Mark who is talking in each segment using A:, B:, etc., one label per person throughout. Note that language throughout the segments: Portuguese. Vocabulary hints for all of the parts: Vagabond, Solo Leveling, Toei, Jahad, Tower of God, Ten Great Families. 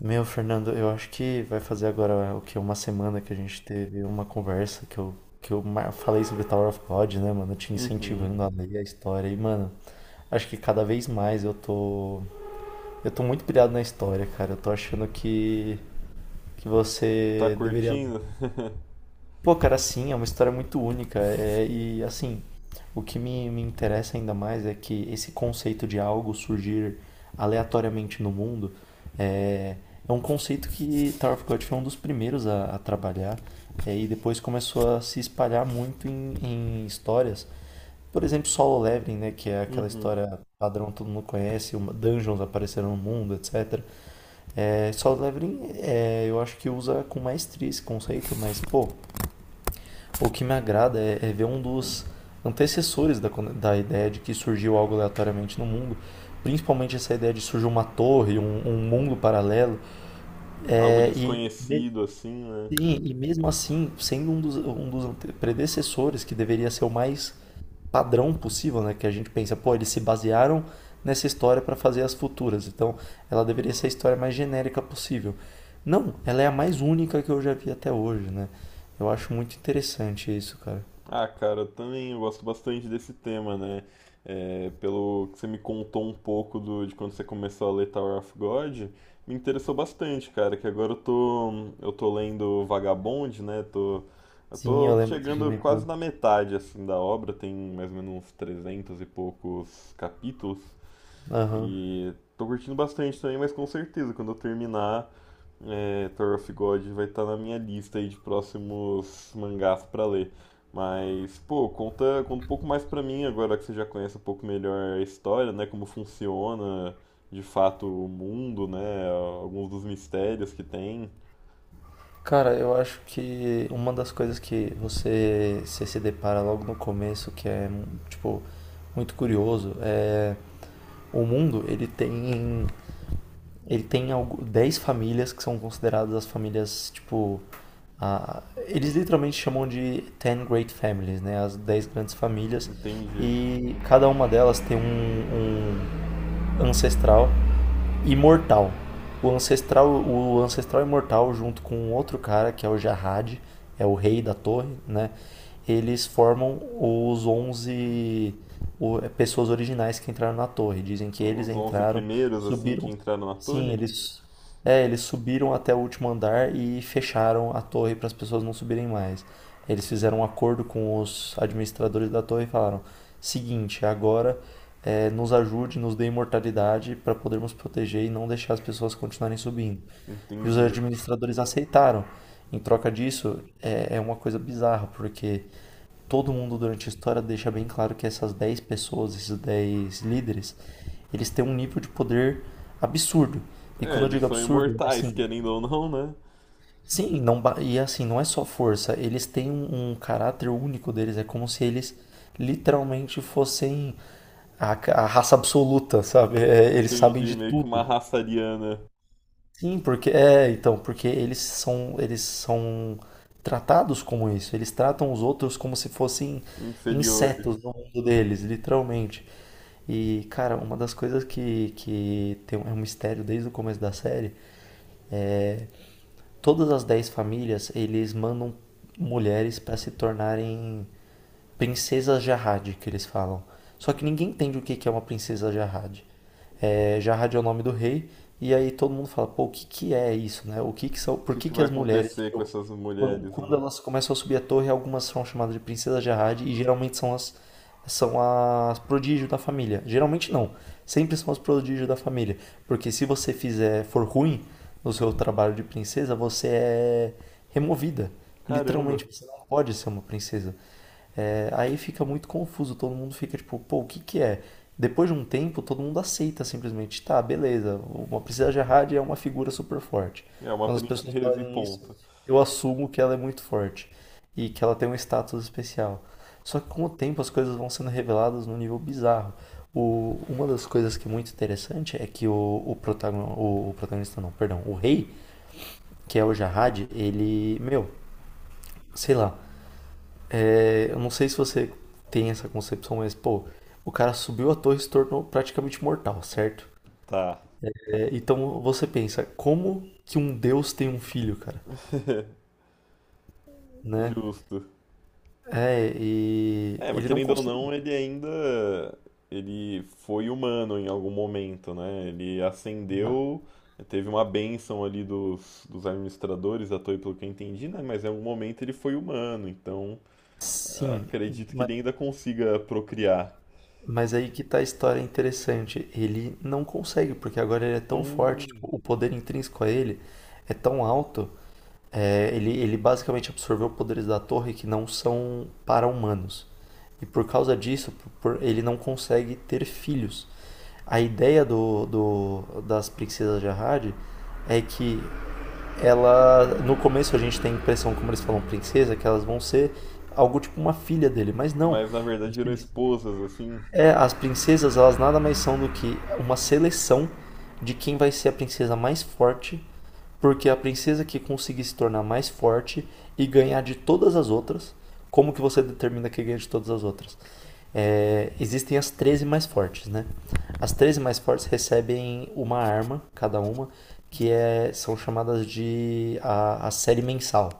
A: Meu, Fernando, eu acho que vai fazer agora o que? Uma semana que a gente teve uma conversa que falei sobre Tower of God, né, mano? Te
B: Uhum.
A: incentivando a ler a história. E, mano, acho que cada vez mais eu tô. Eu tô muito pilhado na história, cara. Eu tô achando que
B: Tá
A: você deveria ler.
B: curtindo?
A: Pô, cara, sim, é uma história muito única. E assim, o que me interessa ainda mais é que esse conceito de algo surgir aleatoriamente no mundo é, é um conceito que Tower of God foi um dos primeiros a trabalhar. E depois começou a se espalhar muito em histórias. Por exemplo, Solo Leveling, né, que é aquela
B: Uhum.
A: história padrão que todo mundo conhece, dungeons apareceram no mundo, etcétera. É, Solo Leveling, eu acho que usa com maestria esse conceito, mas, pô, o que me agrada é ver um dos antecessores da ideia de que surgiu algo aleatoriamente no mundo, principalmente essa ideia de surgir uma torre, um mundo paralelo,
B: Algo
A: é, e, me-
B: desconhecido assim, né?
A: sim, e mesmo assim, sendo um dos predecessores que deveria ser o mais padrão possível, né, que a gente pensa, pô, eles se basearam nessa história para fazer as futuras, então ela deveria ser a história mais genérica possível. Não, ela é a mais única que eu já vi até hoje, né? Eu acho muito interessante isso, cara.
B: Ah, cara, eu também gosto bastante desse tema, né? Pelo que você me contou um pouco de quando você começou a ler Tower of God, me interessou bastante, cara, que eu tô lendo Vagabond, né? Eu
A: Sim, eu
B: tô
A: lembro que você
B: chegando
A: comentou.
B: quase na metade, assim, da obra, tem mais ou menos uns 300 e poucos capítulos.
A: Aham.
B: E tô curtindo bastante também, mas com certeza, quando eu terminar, Tower of God vai estar na minha lista aí de próximos mangás pra ler. Mas, pô, conta um pouco mais pra mim agora que você já conhece um pouco melhor a história, né? Como funciona de fato o mundo, né? Alguns dos mistérios que tem.
A: Cara, eu acho que uma das coisas que você se depara logo no começo, que é, tipo, muito curioso, é o mundo, ele tem algo, 10 famílias que são consideradas as famílias, tipo, eles literalmente chamam de Ten Great Families, né? As 10 grandes famílias.
B: Entende,
A: E cada uma delas tem um ancestral imortal. O ancestral imortal junto com um outro cara que é o Jarrad, é o rei da torre, né? Eles formam os 11 pessoas originais que entraram na torre. Dizem que eles
B: os 11
A: entraram,
B: primeiros, assim, que
A: subiram.
B: entraram na
A: Sim,
B: torre?
A: eles subiram até o último andar e fecharam a torre para as pessoas não subirem mais. Eles fizeram um acordo com os administradores da torre e falaram: seguinte, agora nos ajude, nos dê imortalidade para podermos proteger e não deixar as pessoas continuarem subindo. E os
B: Entende.
A: administradores aceitaram. Em troca disso, é uma coisa bizarra, porque todo mundo durante a história deixa bem claro que essas 10 pessoas, esses 10 líderes, eles têm um nível de poder absurdo. E
B: É,
A: quando eu
B: eles
A: digo
B: são
A: absurdo, é
B: imortais,
A: assim,
B: querendo ou não, né?
A: sim, não, e assim, não é só força, eles têm um caráter único deles, é como se eles literalmente fossem a, a raça absoluta, sabe? É, eles sabem
B: Entendi,
A: de
B: meio que uma
A: tudo.
B: raça ariana.
A: Sim, porque é, então, porque eles são tratados como isso. Eles tratam os outros como se fossem insetos no
B: Inferiores.
A: mundo deles, literalmente. E, cara, uma das coisas que tem, é um mistério desde o começo da série, todas as 10 famílias, eles mandam mulheres para se tornarem princesas Jahad, que eles falam. Só que ninguém entende o que que é uma princesa Jahad. É, já Radionome do Rei, e aí todo mundo fala, pô, o que que é isso, né? O que que são,
B: O
A: por
B: que
A: que
B: que
A: que
B: vai
A: as mulheres,
B: acontecer com
A: tipo,
B: essas mulheres,
A: quando
B: né?
A: elas começam a subir a torre, algumas são chamadas de princesas de Arrad e geralmente são as prodígio da família. Geralmente não, sempre são as prodígio da família, porque se você fizer for ruim no seu trabalho de princesa, você é removida.
B: Caramba.
A: Literalmente, você não pode ser uma princesa. É, aí fica muito confuso, todo mundo fica tipo, pô, o que que é? Depois de um tempo, todo mundo aceita simplesmente, tá, beleza, uma princesa Jihad é uma figura super forte.
B: É uma
A: Quando as pessoas
B: princesa e
A: falarem isso,
B: ponto.
A: eu assumo que ela é muito forte e que ela tem um status especial. Só que com o tempo as coisas vão sendo reveladas num nível bizarro. O, uma das coisas que é muito interessante é que o protagonista, não, perdão, o rei, que é o Jahad, ele, meu, sei lá, eu não sei se você tem essa concepção, mas, pô, o cara subiu a torre e se tornou praticamente mortal, certo?
B: Tá.
A: É, então você pensa, como que um deus tem um filho, cara? Né?
B: Justo.
A: É, e
B: É, mas
A: ele não
B: querendo ou
A: consegue.
B: não, ele ainda. Ele foi humano em algum momento, né? Ele
A: Ma-
B: ascendeu, teve uma bênção ali dos administradores da Toei, pelo que eu entendi, né? Mas em algum momento ele foi humano, então eu
A: Sim,
B: acredito que
A: ma-
B: ele ainda consiga procriar.
A: mas aí que tá a história interessante. Ele não consegue, porque agora ele é tão forte, tipo,
B: Hum,
A: o poder intrínseco a ele é tão alto. É, ele basicamente absorveu poderes da torre que não são para-humanos. E por causa disso, ele não consegue ter filhos. A ideia das princesas de Arrade é que ela. No começo a gente tem a impressão, como eles falam princesa, que elas vão ser algo tipo uma filha dele. Mas não.
B: mas na
A: As
B: verdade eram esposas, assim.
A: as princesas, elas nada mais são do que uma seleção de quem vai ser a princesa mais forte, porque a princesa que conseguir se tornar mais forte e ganhar de todas as outras, como que você determina que ganha de todas as outras? É, existem as 13 mais fortes, né? As 13 mais fortes recebem uma arma, cada uma, que é, são chamadas de a série mensal.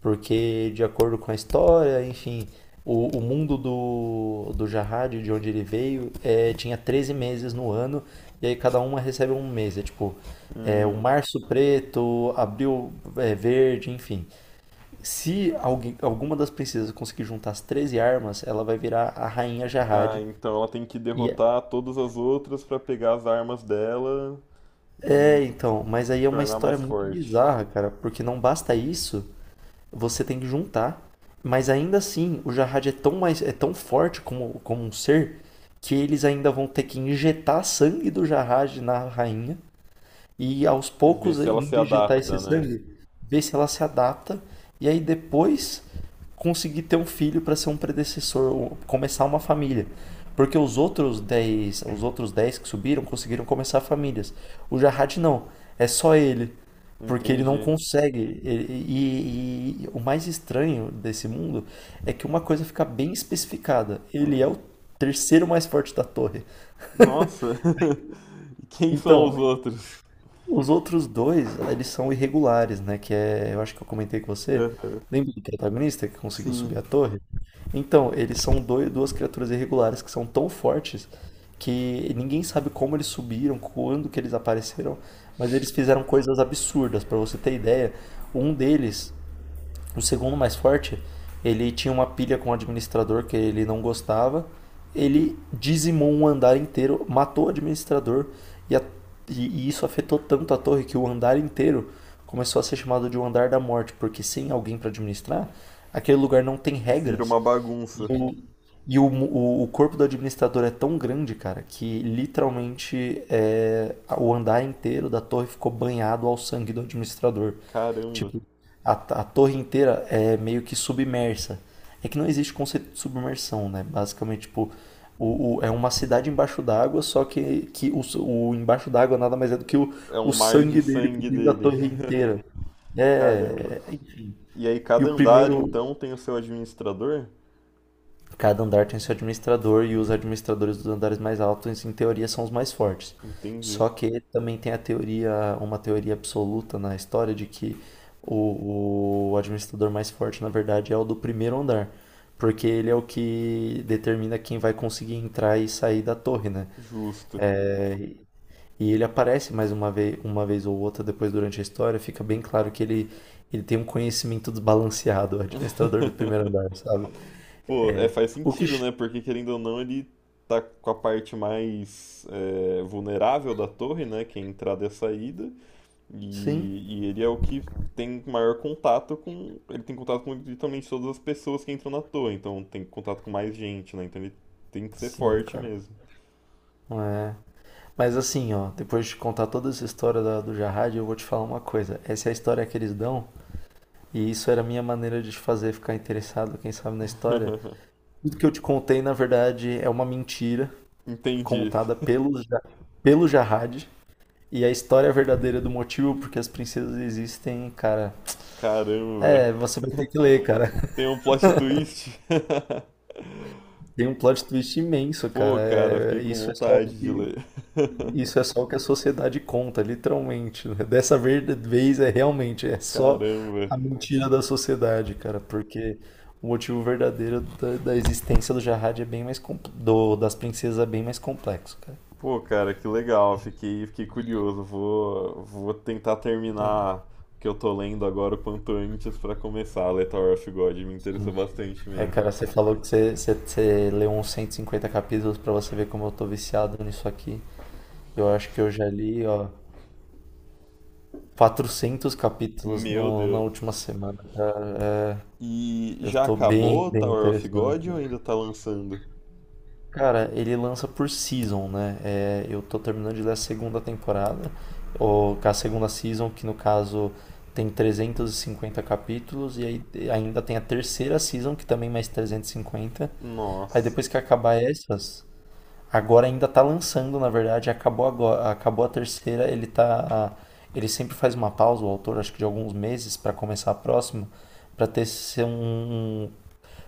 A: Porque, de acordo com a história, enfim, o mundo do Jahad, de onde ele veio, é, tinha 13 meses no ano, e aí cada uma recebe um mês. É tipo, é, o
B: Hum.
A: março preto, abril é, verde, enfim. Se alguém, alguma das princesas conseguir juntar as 13 armas, ela vai virar a rainha
B: Ah,
A: Jahad.
B: então ela tem que
A: E é,
B: derrotar todas as outras pra pegar as armas dela e
A: então, mas aí
B: se
A: é uma
B: tornar
A: história
B: mais
A: muito
B: forte.
A: bizarra, cara, porque não basta isso, você tem que juntar. Mas ainda assim, o Jahad é tão mais é tão forte como, como um ser que eles ainda vão ter que injetar sangue do Jahad na rainha e aos
B: E ver
A: poucos
B: se ela se
A: indo injetar esse
B: adapta, né?
A: sangue, ver se ela se adapta e aí depois conseguir ter um filho para ser um predecessor, ou começar uma família. Porque os outros 10 que subiram conseguiram começar famílias. O Jarrad não, é só ele. Porque ele não
B: Entendi.
A: consegue. E o mais estranho desse mundo é que uma coisa fica bem especificada. Ele é o terceiro mais forte da torre.
B: Nossa! E quem são os
A: Então,
B: outros?
A: os outros dois, eles são irregulares, né? Que é, eu acho que eu comentei com você.
B: Aham.
A: Lembra do protagonista que conseguiu
B: Sim,
A: subir a torre? Então, duas criaturas irregulares que são tão fortes que ninguém sabe como eles subiram, quando que eles apareceram, mas eles fizeram coisas absurdas. Pra você ter ideia, um deles o segundo mais forte, ele tinha uma pilha com o administrador que ele não gostava. Ele dizimou um andar inteiro, matou o administrador e, a- e isso afetou tanto a torre que o andar inteiro começou a ser chamado de o andar da morte, porque sem alguém para administrar, aquele lugar não tem
B: vira
A: regras.
B: uma
A: E
B: bagunça.
A: o, e o corpo do administrador é tão grande, cara, que literalmente é, o andar inteiro da torre ficou banhado ao sangue do administrador.
B: Caramba.
A: Tipo, a torre inteira é meio que submersa. É que não existe conceito de submersão, né? Basicamente, tipo, é uma cidade embaixo d'água, só que o embaixo d'água nada mais é do que
B: É
A: o
B: um mar de
A: sangue dele
B: sangue
A: cobrindo a
B: dele.
A: torre inteira.
B: Caramba.
A: É.
B: E aí
A: E o
B: cada andar
A: primeiro.
B: então tem o seu administrador?
A: Cada andar tem seu administrador e os administradores dos andares mais altos, em teoria, são os mais fortes.
B: Entendi.
A: Só que também tem a teoria, uma teoria absoluta na história de que o administrador mais forte, na verdade, é o do primeiro andar, porque ele é o que determina quem vai conseguir entrar e sair da torre, né?
B: Justo.
A: É, e ele aparece mais uma vez ou outra depois durante a história, fica bem claro que ele tem um conhecimento desbalanceado, o administrador do primeiro andar, sabe?
B: Pô, é, faz
A: O que,
B: sentido,
A: ch-
B: né? Porque querendo ou não, ele tá com a parte mais vulnerável da torre, né? Que é a entrada e a saída.
A: sim,
B: E ele é o que tem maior contato com. Ele tem contato com literalmente todas as pessoas que entram na torre. Então tem contato com mais gente, né? Então ele tem que ser
A: Sim,
B: forte
A: cara.
B: mesmo.
A: É. Mas assim, ó, depois de contar toda essa história do Jarrad, eu vou te falar uma coisa. Essa é a história que eles dão, e isso era a minha maneira de te fazer ficar interessado, quem sabe, na história. Tudo que eu te contei, na verdade, é uma mentira
B: Entendi.
A: contada pelo Jarrad. E a história é verdadeira do motivo porque as princesas existem, cara.
B: Caramba.
A: É, você vai ter que ler, cara.
B: Tem um plot twist.
A: Tem um plot twist imenso, cara.
B: Pô, cara, fiquei
A: É,
B: com
A: isso é só o
B: vontade de
A: que.
B: ler.
A: Isso é só o que a sociedade conta, literalmente. Né? Dessa vez é realmente, é só
B: Caramba.
A: a mentira da sociedade, cara, porque o motivo verdadeiro da existência do Jahad é bem mais das princesas é bem mais complexo, cara.
B: Pô, cara, que legal. Fiquei curioso. Vou tentar
A: É,
B: terminar o que eu tô lendo agora o quanto antes pra começar a ler Tower of God. Me interessou bastante mesmo.
A: cara, você falou que você leu uns 150 capítulos pra você ver como eu tô viciado nisso aqui. Eu acho que eu já li, ó, 400 capítulos
B: Meu
A: no, na
B: Deus.
A: última semana.
B: E
A: Eu
B: já
A: tô bem,
B: acabou
A: bem
B: Tower of
A: interessado.
B: God ou ainda tá lançando?
A: Cara, ele lança por season, né? É, eu tô terminando de ler a segunda temporada, ou a segunda season, que no caso tem 350 capítulos, e aí ainda tem a terceira season, que também mais 350. Aí
B: Nossa.
A: depois que acabar essas, agora ainda tá lançando, na verdade, acabou agora, acabou a terceira, ele tá. Ele sempre faz uma pausa, o autor, acho que de alguns meses, pra começar a próxima, pra ter ser um um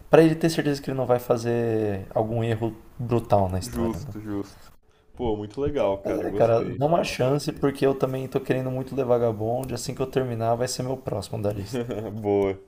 A: pra ele ter certeza que ele não vai fazer algum erro brutal na história, né?
B: Justo. Pô, muito legal,
A: Mas
B: cara.
A: é, cara,
B: Gostei.
A: dá uma chance, porque eu também tô querendo muito ler Vagabond. Assim que eu terminar, vai ser meu próximo da lista.
B: Boa.